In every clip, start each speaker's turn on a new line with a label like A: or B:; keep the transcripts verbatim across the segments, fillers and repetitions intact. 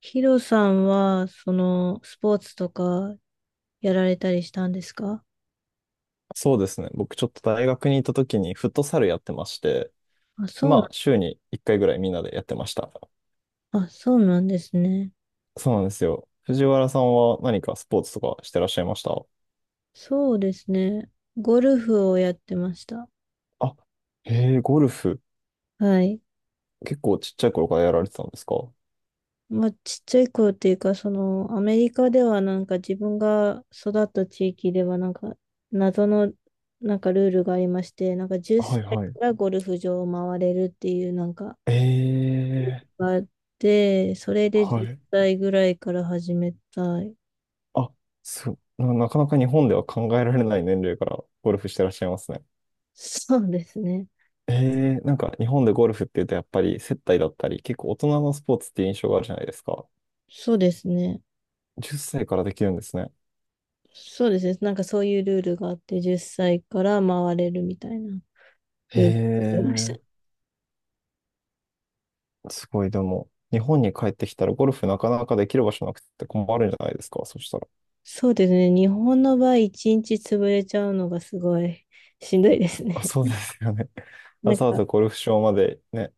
A: ヒロさんは、その、スポーツとかやられたりしたんですか？
B: そうですね。僕ちょっと大学にいた時にフットサルやってまして、
A: あ、そう
B: ま
A: な、
B: あ週にいっかいぐらいみんなでやってました。
A: あ、そうなんですね。
B: そうなんですよ。藤原さんは何かスポーツとかしてらっしゃいました？
A: そうですね。ゴルフをやってました。
B: あ、へえ、ゴルフ。
A: はい。
B: 結構ちっちゃい頃からやられてたんですか？
A: まあ、ちっちゃい頃っていうか、その、アメリカではなんか自分が育った地域ではなんか、謎の、なんかルールがありまして、なんか10
B: はい
A: 歳
B: は
A: か
B: い。
A: らゴルフ場を回れるっていうなんか
B: ええ、
A: があって、それで
B: は
A: 10
B: い。
A: 歳ぐらいから始めたい。
B: あ、そう、な、なかなか日本では考えられない年齢からゴルフしてらっしゃいますね。
A: そうですね。
B: ええ、なんか日本でゴルフって言うとやっぱり接待だったり、結構大人のスポーツって印象があるじゃないですか。
A: そうですね。
B: じゅっさいからできるんですね。
A: そうですね。なんかそういうルールがあって、じゅっさいから回れるみたいな
B: へ
A: ルールがありました。
B: え、すごい、でも、日本に帰ってきたらゴルフなかなかできる場所なくて困るんじゃないですか、そしたら。
A: そうですね。日本の場合、いちにち潰れちゃうのがすごいしんどいです
B: あ、
A: ね。
B: そうで すよね。
A: な
B: わ
A: ん
B: ざわ
A: か、
B: ざゴルフ場までね。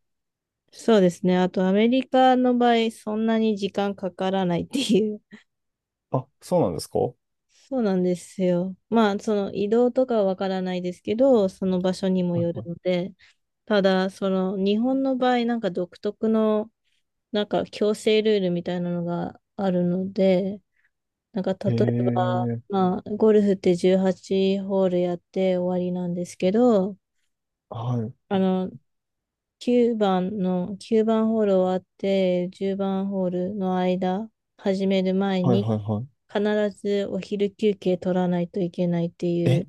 A: そうですね。あと、アメリカの場合、そんなに時間かからないっていう。
B: あ、そうなんですか？は
A: そうなんですよ。まあ、その移動とかはわからないですけど、その場所にも
B: い
A: よる
B: は
A: ので、ただ、その日本の場合、なんか独特のなんか強制ルールみたいなのがあるので、なんか
B: い。
A: 例
B: へ
A: えば、
B: え、
A: まあ、ゴルフってじゅうはちホールやって終わりなんですけど、
B: はい、
A: あの、9番の、きゅうばんホール終わってじゅうばんホールの間、始める前
B: はい、
A: に、
B: はい、は
A: 必ずお昼休憩取らないといけないって
B: い。
A: い
B: え、
A: う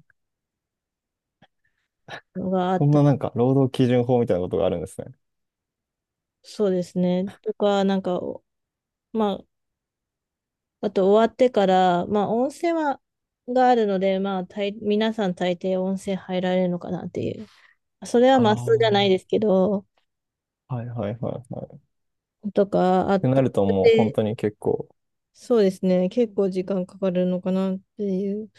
A: のがあっ
B: こん
A: た。
B: ななんか、労働基準法みたいなことがあるんですね。
A: そうですね。とか、なんか、まあ、あと終わってから、まあ温泉は、があるので、まあ大皆さん大抵温泉入られるのかなっていう。それは
B: ああ、
A: マスじ
B: は
A: ゃないですけど、
B: い、はい、はい、はい。っ
A: とかあっ
B: てな
A: て、
B: るともう本
A: で、
B: 当に結構、
A: そうですね、結構時間かかるのかなっていう。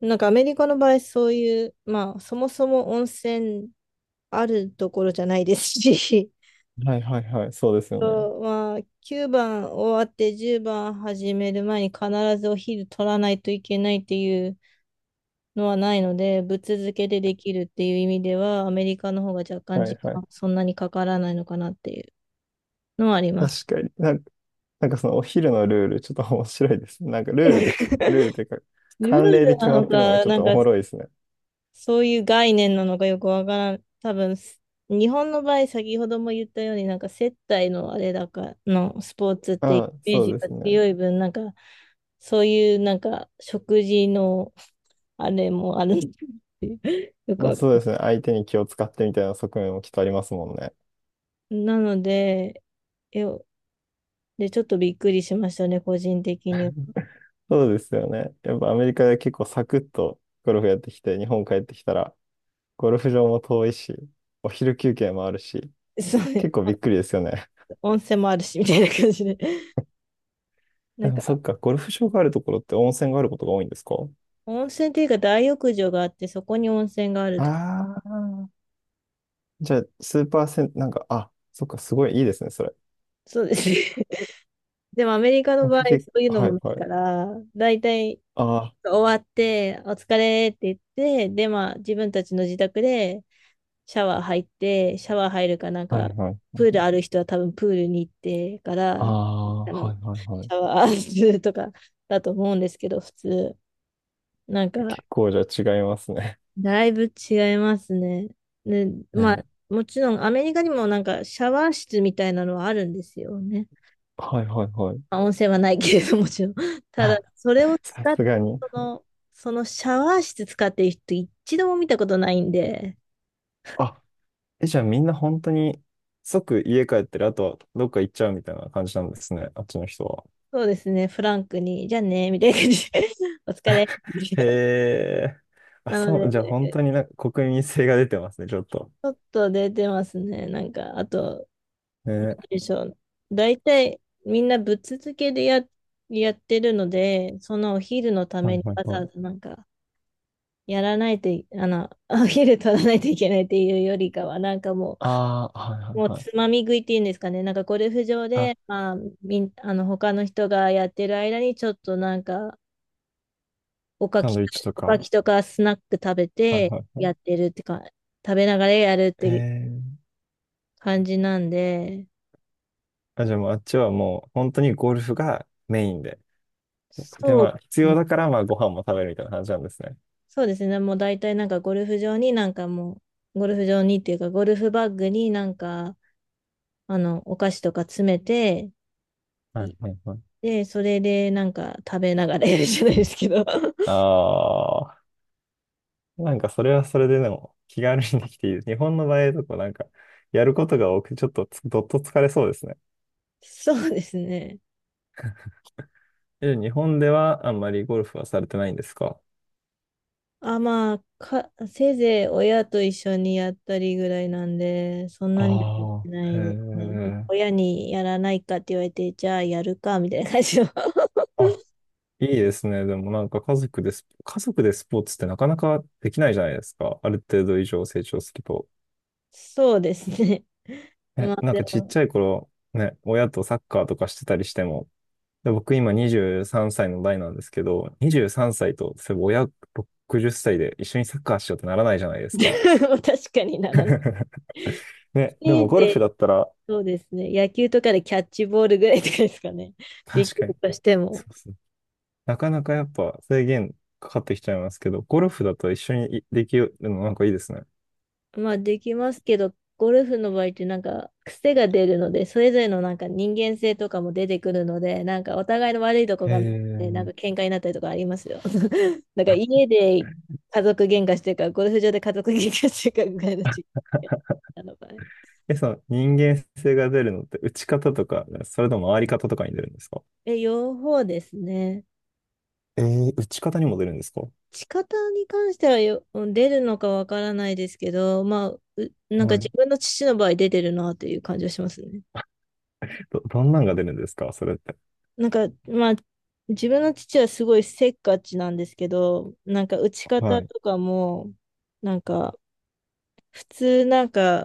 A: なんかアメリカの場合、そういう、まあそもそも温泉あるところじゃないですし、
B: はい、はい、はい、そうです よね。
A: そうまあ、きゅうばん終わってじゅうばん始める前に必ずお昼取らないといけないっていうのはないので、ぶっ続けでできるっていう意味では、アメリカの方が若干
B: はい、
A: 時
B: は
A: 間
B: い。
A: そんなにかからないのかなっていうのはあります。
B: 確かに。なんかなんかそのお昼のルール、ちょっと 面白いですね。なんかルールでき、ルールというか、
A: ルール
B: 慣例で決
A: な
B: まっ
A: の
B: てるのが
A: か、
B: ちょっ
A: なん
B: とお
A: か
B: もろいですね。
A: そういう概念なのかよくわからん。多分、日本の場合、先ほども言ったように、なんか接待のあれだかのスポーツって
B: あ
A: イ
B: あ、
A: メー
B: そう
A: ジ
B: で
A: が
B: すね。
A: 強い分、なんかそういうなんか食事のあれもあるんですよ。よく
B: まあ
A: わかん
B: そう
A: な
B: ですね。相手に気を使ってみたいな側面もきっとありますもんね。
A: いなので、えで、ちょっとびっくりしましたね、個人的に。
B: そうですよね。やっぱアメリカで結構サクッとゴルフやってきて、日本帰ってきたら、ゴルフ場も遠いし、お昼休憩もあるし、
A: そ
B: 結構
A: う、
B: びっくりですよね。
A: 温泉もあるし、みたいな感じで。な
B: で
A: ん
B: もそ
A: か、
B: っか、ゴルフ場があるところって温泉があることが多いんですか？
A: 温泉っていうか大浴場があって、そこに温泉があるってか。
B: ああー、じゃあ、スーパーセン、なんか、あ、そっか、すごいいいですね、それ。
A: そうですね。でもアメリカの場合、
B: 僕結
A: そういうの
B: は
A: も
B: い
A: ない
B: は
A: か
B: い。
A: ら、だいたい
B: あ
A: 終わって、お疲れって言って、で、まあ、自分たちの自宅でシャワー入って、シャワー入るかなん
B: あ、は
A: か、
B: いはい。
A: プールある人は多分プールに行ってか
B: あ
A: ら、
B: あ、
A: あ
B: は
A: の、
B: いはいは
A: シ
B: い。
A: ャワーするとかだと思うんですけど、普通。なん
B: 結
A: か、
B: 構じゃあ違いますね。
A: だいぶ違いますね。ね、ま
B: ね。
A: あ、もちろんアメリカにもなんかシャワー室みたいなのはあるんですよね。
B: はいはいはい。
A: まあ、温泉はないけれどもちろん。ただ、
B: あ、
A: それを
B: さ
A: 使っ、
B: すがに。
A: その、そのシャワー室使ってる人一度も見たことないんで、
B: あ、え、じゃあみんな本当に即家帰ってる、あとはどっか行っちゃうみたいな感じなんですね。あっちの人は。
A: そうですね、フランクに、じゃあね、みたいな感じで、お疲れ。
B: へ え。あ、
A: なの
B: そ
A: で、
B: う、じゃあ本当
A: ち
B: になんか国民性が出てますね、ちょっと。
A: ょっと出てますね。なんか、あと、
B: ね。
A: でしょう。大体みんなぶっ続けでや、やってるので、そのお昼のた
B: は
A: め
B: い
A: に
B: はい
A: わざ
B: はい。
A: わざなんかやらないとい、あの、お昼取らないといけないっていうよりかは、なんかも
B: ああ、はいは
A: う、
B: い
A: もう
B: はい。
A: つまみ食いっていうんですかね、なんかゴルフ場
B: あ、
A: で、まあ、みん、あの、他の人がやってる間にちょっとなんか、おか
B: サン
A: き、
B: ドイッチと
A: おか
B: か。
A: きとかスナック食べ
B: はい
A: て
B: はいはい。
A: やってるってか、食べながらやるっ
B: え
A: て
B: ー、
A: 感じなんで、
B: あ、じゃあもうあっちはもう本当にゴルフがメインで。で、
A: そ
B: ま
A: う
B: あ、
A: で
B: 必
A: す
B: 要
A: ね、
B: だから、まあ、ご飯も食べるみたいな感じなんですね。
A: そうですね。もう大体なんかゴルフ場になんかもう、ゴルフ場にっていうか、ゴルフバッグになんか、あの、お菓子とか詰めて、
B: はい
A: い
B: はいはい。
A: で、それでなんか食べながらやるじゃないですけど。
B: ああ、なんかそれはそれででも気軽にできていいです。日本の場合だとかなんか、やることが多くて、ちょっとつどっと疲れそうですね。
A: そうですね。
B: え、日本ではあんまりゴルフはされてないんですか？
A: あ、まあ、か、せいぜい親と一緒にやったりぐらいなんで、そんなにやっ
B: あ
A: てな
B: あ、へ
A: いですね。
B: え。
A: 親にやらないかって言われて、じゃあやるか、みたいな感じの。
B: あ、いいですね。でもなんか家族でス、家族でスポーツってなかなかできないじゃないですか。ある程度以上成長すると。
A: そうですね。ま
B: え、
A: あ
B: なん
A: で
B: かちっ
A: も、
B: ちゃい頃、ね、親とサッカーとかしてたりしても、で僕今にじゅうさんさいの代なんですけど、にじゅうさんさいと、そういえば親ろくじゅっさいで一緒にサッカーしようってならないじゃないで すか。
A: 確かにならない。
B: ね、で
A: せ
B: も
A: い
B: ゴル
A: ぜ
B: フだったら、
A: そうですね。野球とかでキャッチボールぐらいとかですかね。でき
B: 確か
A: る
B: に、
A: として
B: そ
A: も。
B: うそう。なかなかやっぱ制限かかってきちゃいますけど、ゴルフだと一緒にできるのなんかいいですね。
A: まあできますけど、ゴルフの場合ってなんか癖が出るので、それぞれのなんか人間性とかも出てくるので、なんかお互いの悪いとこ
B: へ
A: が見えて、なん
B: え。
A: か喧嘩になったりとかありますよ。なんか家で家族喧嘩してるか、ゴルフ場で家族喧嘩してるかぐらいの違いなのかね。
B: え、その人間性が出るのって打ち方とか、それとも回り方とかに出るんですか？
A: え、両方ですね。
B: えー、打ち方にも出るんですか？
A: 仕方に関してはよ、出るのかわからないですけど、まあ、うなんか
B: は
A: 自
B: い。
A: 分の父の場合出てるなという感じはしますね。
B: ど、どんなんが出るんですかそれって。
A: なんか、まあ、自分の父はすごいせっかちなんですけど、なんか打ち方
B: はい。
A: とかも、なんか、普通なんか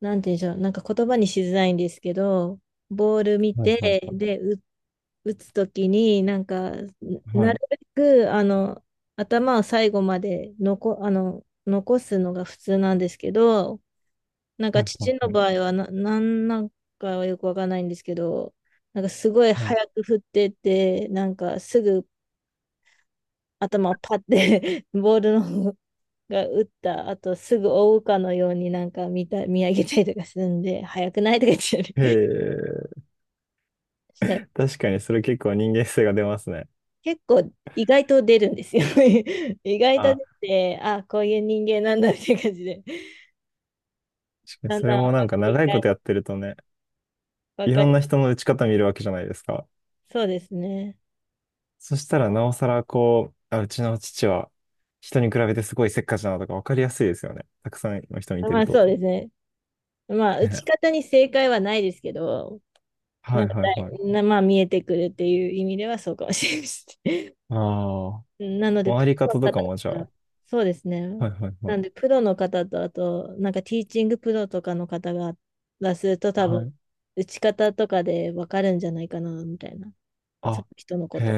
A: なんて言うんでしょう、なんか言葉にしづらいんですけど、ボール見
B: はい、はい、
A: て、
B: は
A: で、う打つときに、なんか、
B: い。は
A: なる
B: い
A: べく、あの、頭を最後まで残、あの、残すのが普通なんですけど、なん
B: は
A: か
B: い、はい、
A: 父の
B: はい。
A: 場合はな、なんなんかはよくわかんないんですけど、なんかすごい
B: はい、
A: 早く振ってって、なんかすぐ頭をパッて、 ボールの方が打った後すぐ追うかのようになんか見た、見上げたりとかするんで、早くないとか言っ
B: へ
A: て
B: え、
A: した。
B: 確かにそれ結構人間性が出ますね。
A: 結構意外と出るんですよ。意外と
B: あ、
A: 出て、あ、こういう人間なんだって感じで、
B: 確かに
A: だん
B: それ
A: だん
B: も
A: 分
B: なん
A: か
B: か
A: り
B: 長いこ
A: が、
B: とやってるとね、
A: 分
B: い
A: か
B: ろん
A: り、
B: な人の打ち方見るわけじゃないですか。
A: そうですね。
B: そしたらなおさらこう、あ、うちの父は人に比べてすごいせっかちだなとかわかりやすいですよね。たくさんの人見て
A: ま
B: る
A: あ
B: と。
A: そうですね。まあ打ち
B: ね。
A: 方に正解はないですけど、
B: は
A: な
B: い、
A: んか
B: はい、
A: だ
B: は
A: い
B: い。
A: な、まあ見えてくるっていう意味ではそうかもしれないです。
B: ああ、
A: なので、プ
B: 回り
A: ロの
B: 方とか
A: 方
B: もじゃ
A: と
B: あ。
A: か、そうですね。
B: はい、はい、は
A: なんで、
B: い。
A: プロの方と、あと、なんかティーチングプロとかの方が、がすると多
B: は
A: 分、
B: い。
A: 打ち方とかで分かるんじゃないかな、みたいな。そ
B: あ、
A: の人のこ
B: へ
A: と、わ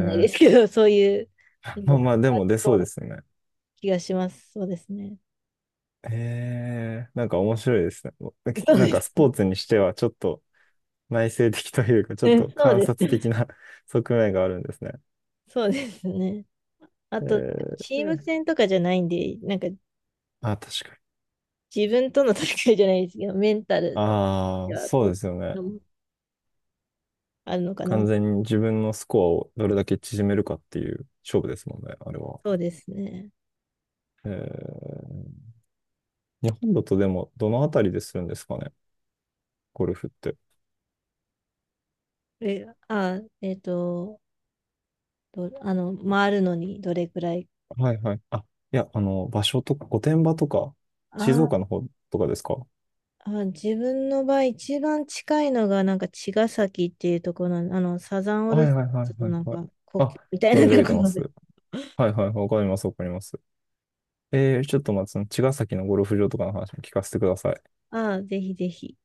A: かんないですけど、そういうの
B: まあ
A: が
B: まあ、で
A: あり
B: も出
A: そ
B: そ
A: う
B: うで
A: な
B: すね。
A: 気がします。そうですね。
B: へえ、なんか面白いですね。
A: そう
B: なん
A: です。
B: かスポーツにしてはちょっと内省的というか、ちょっ
A: うん、
B: と
A: そう
B: 観
A: です。
B: 察的な 側面があるんですね。
A: そうですね。あと、チ
B: え
A: ーム
B: え、
A: 戦とかじゃないんで、なんか
B: あ、確かに。
A: 自分との戦いじゃないですけど、メンタル
B: あ
A: で
B: あ、
A: は
B: そ
A: そ
B: う
A: うい
B: で
A: う
B: すよね。
A: のもあるのかな。
B: 完全に自分のスコアをどれだけ縮めるかっていう勝負ですもんね、あれは。
A: そうですね。
B: ええ、日本だとでもどのあたりでするんですかね、ゴルフって。
A: え、あ、えっと、どあの、回るのにどれくらい、
B: はいはい。あ、いや、あの、場所とか、御殿場とか、静
A: あ
B: 岡の方とかですか？
A: あ、自分の場合、一番近いのが、なんか、茅ヶ崎っていうところなのあの、サザンオー
B: は
A: ル
B: い
A: ス
B: はいはい
A: ターズ
B: は
A: の
B: い
A: なん
B: はい。
A: か、故
B: あ、
A: 郷みたい
B: 存
A: な
B: じ上
A: と
B: げ
A: こ
B: てま
A: ろ
B: す。
A: で。
B: はいはい、わかりますわかります。えー、ちょっとまあ、その茅ヶ崎のゴルフ場とかの話も聞かせてください。
A: ああ、ぜひぜひ。